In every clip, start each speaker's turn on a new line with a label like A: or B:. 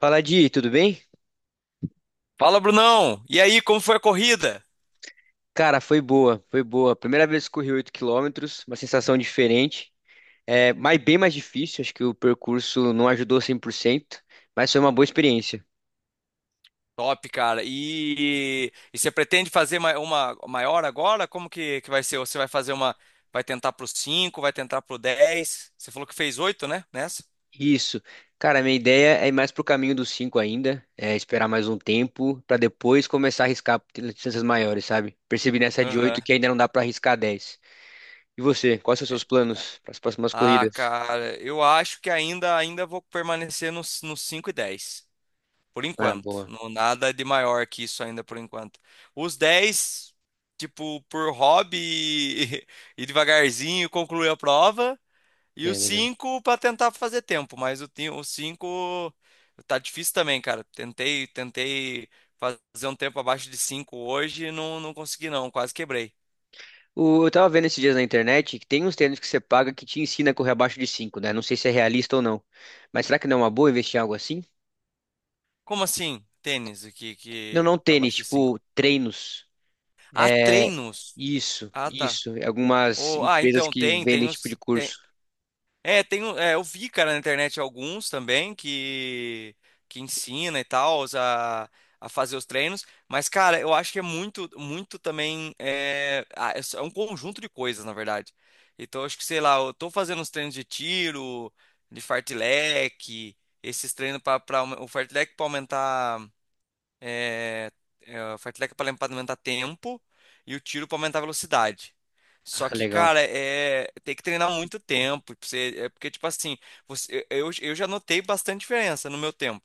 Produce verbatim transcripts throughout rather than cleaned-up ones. A: Fala, Di, tudo bem?
B: Fala, Brunão! E aí, como foi a corrida?
A: Cara, foi boa, foi boa. Primeira vez que corri oito quilômetros, uma sensação diferente. É, mas bem mais difícil, acho que o percurso não ajudou cem por cento, mas foi uma boa experiência.
B: Top, cara. E, e você pretende fazer ma- uma maior agora? Como que, que vai ser? Você vai fazer uma. Vai tentar pro cinco? Vai tentar pro dez? Você falou que fez oito, né? Nessa?
A: Isso. Cara, minha ideia é ir mais pro caminho dos cinco ainda, é esperar mais um tempo pra depois começar a arriscar distâncias maiores, sabe? Percebi nessa de oito
B: Aham.
A: que ainda não dá pra arriscar dez. E você, quais são os
B: É.
A: seus planos para as próximas
B: Ah,
A: corridas?
B: cara, eu acho que ainda, ainda vou permanecer nos, nos cinco e dez, por
A: Ah,
B: enquanto.
A: boa.
B: Não, nada de maior que isso ainda por enquanto. Os dez, tipo, por hobby e, e devagarzinho concluir a prova. E o
A: É, legal.
B: cinco para tentar fazer tempo, mas o ti- o cinco tá difícil também, cara. Tentei, tentei fazer um tempo abaixo de cinco hoje e não, não consegui não, quase quebrei.
A: O- eu tava vendo esses dias na internet que tem uns tênis que você paga que te ensina a correr abaixo de cinco, né? Não sei se é realista ou não. Mas será que não é uma boa investir em algo assim?
B: Como assim? Tênis, o que
A: Não,
B: que
A: não tênis,
B: abaixo de cinco.
A: tipo treinos.
B: Ah,
A: É
B: treinos.
A: isso,
B: Ah, tá.
A: isso. É algumas
B: Oh, ah,
A: empresas
B: então
A: que
B: tem,
A: vendem
B: tem
A: tipo de
B: os.
A: curso.
B: É, tem, um- é, eu vi, cara, na internet alguns também que, que ensina e tal a, a fazer os treinos, mas, cara, eu acho que é muito, muito também, é, ah, é só- é um conjunto de coisas, na verdade. Então, eu acho que, sei lá, eu tô fazendo os treinos de tiro, de fartlek, esses treinos para o fartlek para aumentar. é, é, o fartlek é pra aumentar tempo e o tiro para aumentar a velocidade.
A: Ah,
B: Só que,
A: legal,
B: cara, é, tem que treinar muito tempo. Pra você- é porque, tipo assim, você- eu, eu já notei bastante diferença no meu tempo.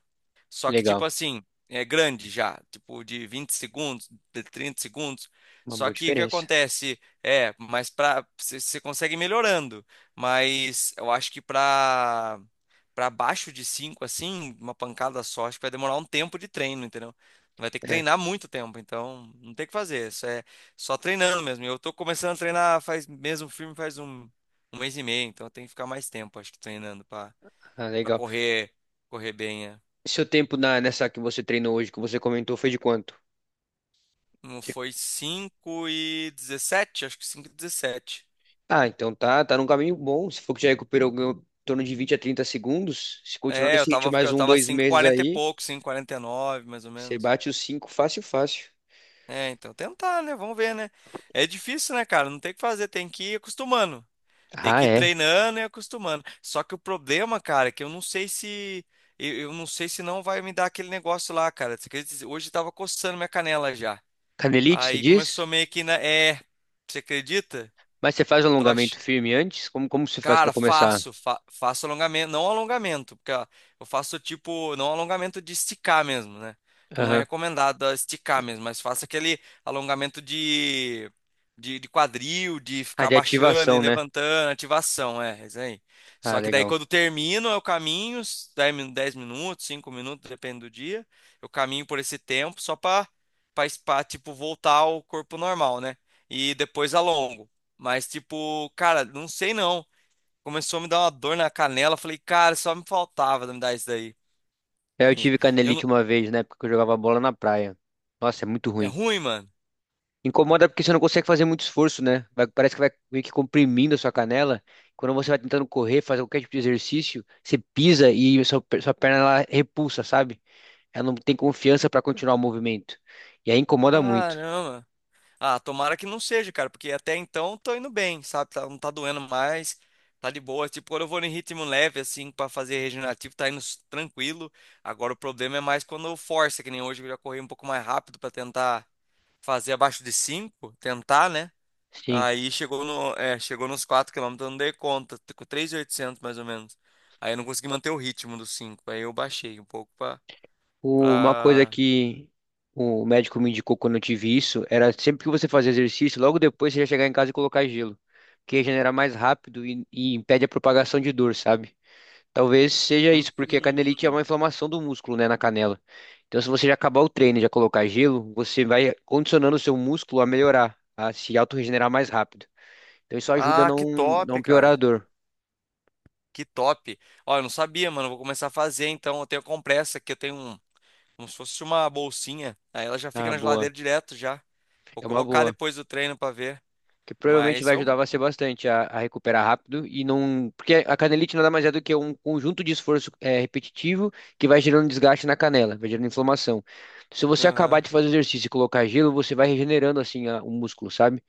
B: Só que, tipo
A: legal.
B: assim, é grande já. Tipo, de vinte segundos, de trinta segundos.
A: Uma
B: Só
A: boa
B: que o que
A: diferença.
B: acontece? É, mas pra, você você consegue ir melhorando. Mas eu acho que pra para baixo de cinco assim, uma pancada só, acho que vai demorar um tempo de treino, entendeu? Vai ter que
A: É,
B: treinar muito tempo, então não tem o que fazer, isso é só treinando mesmo. Eu tô começando a treinar faz mesmo firme faz um, um mês e meio, então eu tenho que ficar mais tempo, acho que treinando para
A: ah,
B: para
A: legal.
B: correr, correr bem, é.
A: Seu tempo na, nessa que você treinou hoje, que você comentou, foi de quanto?
B: Não
A: De-
B: foi cinco e dezessete, acho que cinco e dezessete.
A: Ah, então tá, tá num caminho bom. Se for que já recuperou em torno de vinte a trinta segundos, se continuar
B: É, eu
A: nesse ritmo
B: tava
A: mais
B: eu
A: um,
B: tava
A: dois
B: cinco e
A: meses
B: 40 e
A: aí.
B: pouco, cinco e quarenta e nove mais ou
A: Você
B: menos.
A: bate os cinco fácil, fácil.
B: É, então tentar, né? Vamos ver, né? É difícil, né, cara? Não tem o que fazer, tem que ir acostumando. Tem
A: Ah,
B: que ir
A: é.
B: treinando e acostumando. Só que o problema, cara, é que eu não sei se. Eu, eu não sei se não vai me dar aquele negócio lá, cara. Você acredita? Hoje tava coçando minha canela já.
A: Canelite, você
B: Aí
A: diz?
B: começou meio que na. É. Você acredita?
A: Mas você faz
B: Tô.
A: alongamento firme antes? Como, como você faz para
B: Cara,
A: começar?
B: faço, fa- faço alongamento, não alongamento, porque ó, eu faço tipo, não alongamento de esticar mesmo, né? Que não é
A: Aham.
B: recomendado ó, esticar mesmo, mas faço aquele alongamento de, de, de quadril, de
A: Ah,
B: ficar
A: de
B: baixando e
A: ativação, né?
B: levantando, ativação, é, é isso aí.
A: Ah,
B: Só que daí
A: legal.
B: quando termino, eu caminho, s- dez min- dez minutos, cinco minutos, depende do dia, eu caminho por esse tempo só pra, pra, pra, tipo, voltar ao corpo normal, né? E depois alongo. Mas, tipo, cara, não sei não. Começou a me dar uma dor na canela. Falei, cara, só me faltava me dar isso daí.
A: É, eu
B: E
A: tive
B: Eu não...
A: canelite uma vez, na época que eu jogava bola na praia. Nossa, é muito
B: É
A: ruim.
B: ruim, mano?
A: Incomoda porque você não consegue fazer muito esforço, né? Vai- parece que vai meio que comprimindo a sua canela. Quando você vai tentando correr, fazer qualquer tipo de exercício, você pisa e sua, per- sua perna ela repulsa, sabe? Ela não tem confiança para continuar o movimento. E aí incomoda muito.
B: Caramba. Ah, tomara que não seja, cara, porque até então eu tô indo bem, sabe? Tá- Não tá doendo mais, tá de boa. Tipo, quando eu vou em ritmo leve, assim, pra fazer regenerativo, tá indo s- tranquilo. Agora o problema é mais quando eu forço, que nem hoje, que eu já corri um pouco mais rápido pra tentar fazer abaixo de cinco, tentar, né?
A: Sim.
B: Aí chegou no, é, chegou nos quatro km, eu não dei conta, t- com três mil e oitocentos mais ou menos. Aí eu não consegui manter o ritmo dos cinco. Aí eu baixei um pouco pra,
A: O- Uma coisa
B: pra...
A: que o médico me indicou quando eu tive isso era sempre que você fazer exercício, logo depois você já chegar em casa e colocar gelo, que regenera mais rápido e, e impede a propagação de dor, sabe? Talvez seja
B: Hum.
A: isso, porque a canelite é uma inflamação do músculo, né, na canela. Então, se você já acabar o treino e já colocar gelo, você vai condicionando o seu músculo a melhorar, a se autorregenerar mais rápido. Então, isso ajuda a
B: Ah, que
A: não, não
B: top,
A: piorar a
B: cara,
A: dor.
B: que top. Ó, eu não sabia, mano, eu vou começar a fazer então. Eu tenho a compressa aqui, eu tenho um, como se fosse uma bolsinha, aí ela já fica
A: Ah,
B: na
A: boa.
B: geladeira direto já. Vou
A: É uma
B: colocar
A: boa.
B: depois do treino pra ver,
A: Que provavelmente
B: mas
A: vai ajudar
B: vamos...
A: você bastante a, a recuperar rápido e não, porque a canelite nada mais é do que um conjunto de esforço eh, repetitivo que vai gerando desgaste na canela, vai gerando inflamação. Se você acabar
B: Aham.
A: de fazer exercício e colocar gelo, você vai regenerando assim a- o músculo, sabe?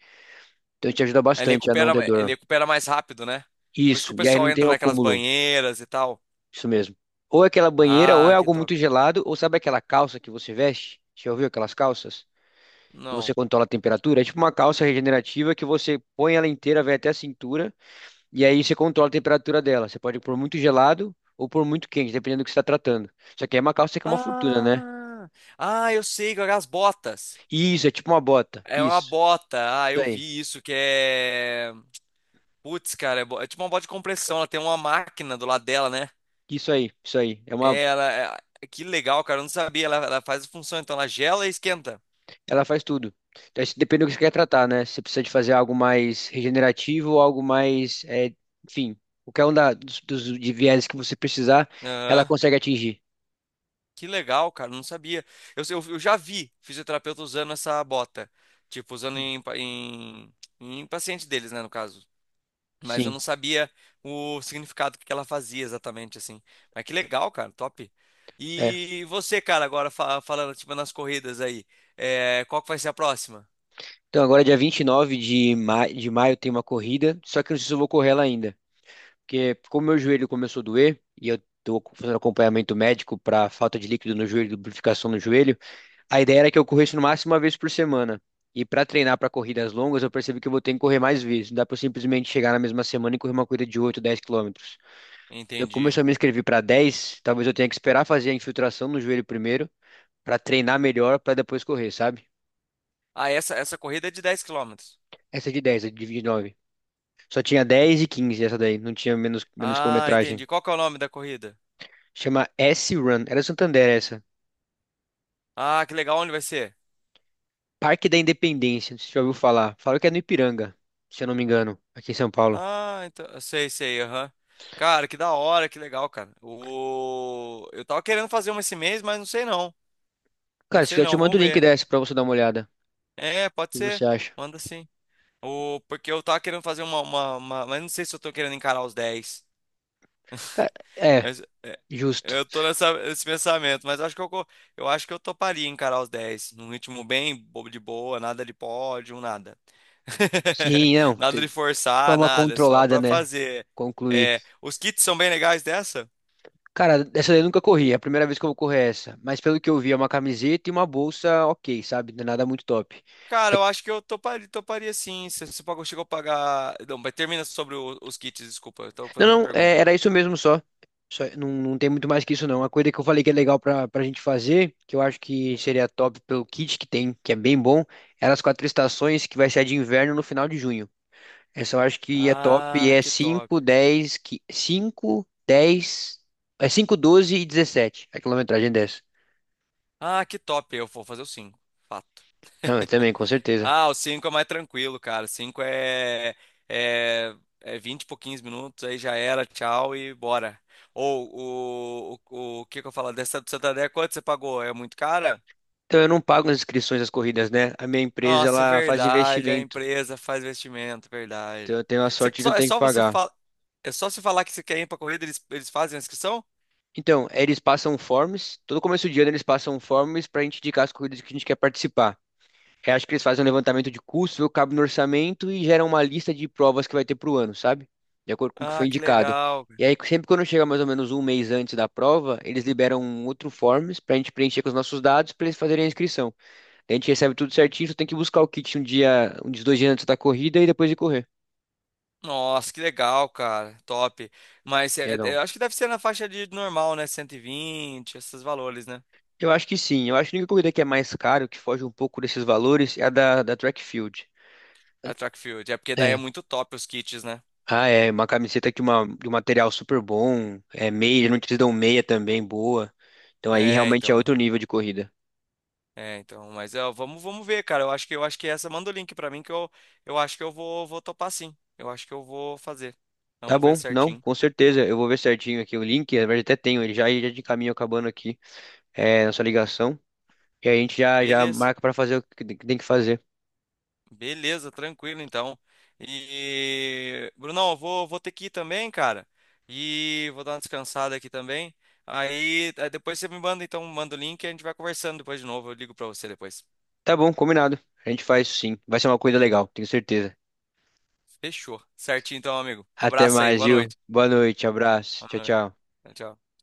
A: Então te ajuda
B: Aí Ele
A: bastante a não
B: recupera,
A: ter dor.
B: ele recupera mais rápido, né? Por isso que o
A: Isso, e aí
B: pessoal
A: não tem
B: entra
A: o
B: naquelas
A: acúmulo,
B: banheiras e tal.
A: isso mesmo. Ou é aquela banheira, ou é
B: Ah, que
A: algo
B: top.
A: muito gelado, ou sabe aquela calça que você veste? Já ouviu aquelas calças? Que você
B: Não.
A: controla a temperatura? É tipo uma calça regenerativa que você põe ela inteira, vai até a cintura. E aí você controla a temperatura dela. Você pode pôr muito gelado ou pôr muito quente, dependendo do que você está tratando. Só que aí uma calça que é uma fortuna, né?
B: Ah, ah, eu sei, que é as botas.
A: Isso, é tipo uma bota.
B: É uma
A: Isso.
B: bota. Ah,
A: Isso
B: eu
A: aí.
B: vi isso que é. Putz, cara, é, bo- é tipo uma bota de compressão. Ela tem uma máquina do lado dela, né?
A: Isso aí. Isso aí. É uma...
B: É, ela. é- Que legal, cara. Eu não sabia. Ela, ela faz a função, então ela gela e esquenta.
A: Ela faz tudo. Então, isso depende do que você quer tratar, né? Se você precisa de fazer algo mais regenerativo ou algo mais, é, enfim, qualquer um da, dos, dos de viés que você precisar, ela
B: Aham.
A: consegue atingir.
B: Que legal, cara. Eu não sabia. Eu, eu, eu já vi fisioterapeuta usando essa bota. Tipo, usando em, pa- em, em paciente deles, né, no caso. Mas eu
A: Sim,
B: não sabia o significado que ela fazia exatamente, assim. Mas que legal, cara, top.
A: é.
B: E você, cara, agora fa- falando, tipo, nas corridas aí, é, qual que vai ser a próxima?
A: Então agora é dia vinte e nove de, ma de maio tem uma corrida, só que eu não sei se eu vou correr ela ainda. Porque como meu joelho começou a doer e eu tô fazendo acompanhamento médico para falta de líquido no joelho, lubrificação no joelho, a ideia era que eu corresse no máximo uma vez por semana. E para treinar para corridas longas, eu percebi que eu vou ter que correr mais vezes. Não dá para simplesmente chegar na mesma semana e correr uma corrida de oito, dez quilômetros. Então, como eu
B: Entendi.
A: só me inscrevi para dez, talvez eu tenha que esperar fazer a infiltração no joelho primeiro, para treinar melhor, para depois correr, sabe?
B: Ah, essa, essa corrida é de dez quilômetros.
A: Essa é de dez, a de vinte e nove. Só tinha dez e quinze essa daí, não tinha menos, menos
B: Ah,
A: quilometragem.
B: entendi. Qual que é o nome da corrida?
A: Chama S-Run, era Santander essa.
B: Ah, que legal, onde vai ser?
A: Parque da Independência, não sei se você já ouviu falar. Falaram que é no Ipiranga, se eu não me engano, aqui em São Paulo.
B: Ah, então, eu sei, sei, aham. Cara, que da hora, que legal, cara. O... Eu tava querendo fazer uma esse mês, mas não sei não. Não
A: Cara, se
B: sei
A: quiser, eu te
B: não,
A: mando
B: vamos
A: o link
B: ver.
A: dessa pra você dar uma olhada.
B: É, pode
A: O que você
B: ser.
A: acha?
B: Manda sim. O, porque eu tava querendo fazer uma, uma, uma- Mas não sei se eu tô querendo encarar os dez.
A: Cara, é,
B: Mas, é,
A: justo.
B: eu tô nessa, nesse pensamento, mas acho que eu, co- eu acho que eu toparia encarar os dez num ritmo bem bobo de boa, nada de pódio, nada.
A: Sim, não,
B: Nada de
A: tem-
B: forçar,
A: forma
B: nada. É só
A: controlada,
B: pra
A: né?
B: fazer.
A: Concluir.
B: É, os kits são bem legais dessa?
A: Cara, essa daí eu nunca corri, é a primeira vez que eu vou correr é essa. Mas pelo que eu vi, é uma camiseta e uma bolsa ok, sabe? Não é nada muito top.
B: Cara, eu acho que eu toparia, toparia sim. Se você pagou, chegou a pagar. Não, mas termina sobre o- os kits, desculpa. Eu tô
A: Não,
B: fazendo outra
A: não, é-
B: pergunta já.
A: era isso mesmo só. Só- não, não tem muito mais que isso, não. Uma coisa que eu falei que é legal pra, pra gente fazer, que eu acho que seria top pelo kit que tem, que é bem bom, era as quatro estações, que vai ser a de inverno no final de junho. Essa eu acho que é top, e
B: Ah,
A: é
B: que top.
A: cinco, dez, qui- cinco, dez, é cinco, doze e dezessete, a quilometragem dessa.
B: Ah, que top. Eu vou fazer o cinco. Fato.
A: Não, eu também, com certeza.
B: Ah, o cinco é mais tranquilo, cara. Cinco é, é, é vinte por quinze minutos, aí já era, tchau e bora. Ou o, o, o que que eu falo? Dessa do Santander, quanto você pagou? É muito cara?
A: Então eu não pago as inscrições das corridas, né? A minha empresa,
B: Nossa, é
A: ela faz
B: verdade, a
A: investimento.
B: empresa faz investimento,
A: Então
B: verdade.
A: eu tenho a
B: Você,
A: sorte de não
B: só, é
A: ter que
B: só você
A: pagar.
B: falar, é só você falar que você quer ir pra corrida, eles, eles fazem a inscrição?
A: Então, é, eles passam forms, todo começo de ano eles passam forms para a gente indicar as corridas que a gente quer participar. Eu acho que eles fazem um levantamento de custos, vê o que cabe no orçamento e geram uma lista de provas que vai ter pro ano, sabe? De acordo com o que foi
B: Ah, que
A: indicado.
B: legal.
A: E aí, sempre quando chega mais ou menos um mês antes da prova, eles liberam um outro forms para a gente preencher com os nossos dados para eles fazerem a inscrição. Daí a gente recebe tudo certinho, só tem que buscar o kit um dia, um dos dois dias antes da corrida e depois de correr.
B: Nossa, que legal, cara. Top. Mas é, é,
A: Legal.
B: eu acho que deve ser na faixa de normal, né? Cento e vinte esses valores, né?
A: Eu acho que sim. Eu acho que a única corrida que é mais caro, que foge um pouco desses valores, é a da, da track field.
B: A track field. É porque daí é
A: É,
B: muito top os kits, né?
A: ah, é, uma camiseta de, uma, de um material super bom, é meia, não te dão meia também, boa. Então aí
B: É,
A: realmente é
B: então.
A: outro nível de corrida.
B: É, então. Mas é, vamos, vamos ver, cara. Eu acho que eu acho que essa manda o link pra mim, que eu, eu acho que eu vou, vou topar sim. Eu acho que eu vou fazer.
A: Tá
B: Vamos ver
A: bom, não,
B: certinho.
A: com certeza, eu vou ver certinho aqui o link, na verdade até tenho ele já, e já de caminho acabando aqui, é, nossa ligação, e aí a gente já, já
B: Beleza.
A: marca pra fazer o que tem que tem que fazer.
B: Beleza, tranquilo então. E Brunão, eu vou, vou ter que ir também, cara. E vou dar uma descansada aqui também. Aí eh, depois você me manda então, manda o link e a gente vai conversando depois de novo. Eu ligo pra você depois.
A: Tá bom, combinado, a gente faz isso sim, vai ser uma coisa legal, tenho certeza.
B: Fechou. Certinho então, amigo. Um
A: Até
B: abraço aí.
A: mais,
B: Boa
A: viu?
B: noite.
A: Boa noite, abraço,
B: Boa
A: tchau,
B: noite.
A: tchau.
B: Tchau. Tchau.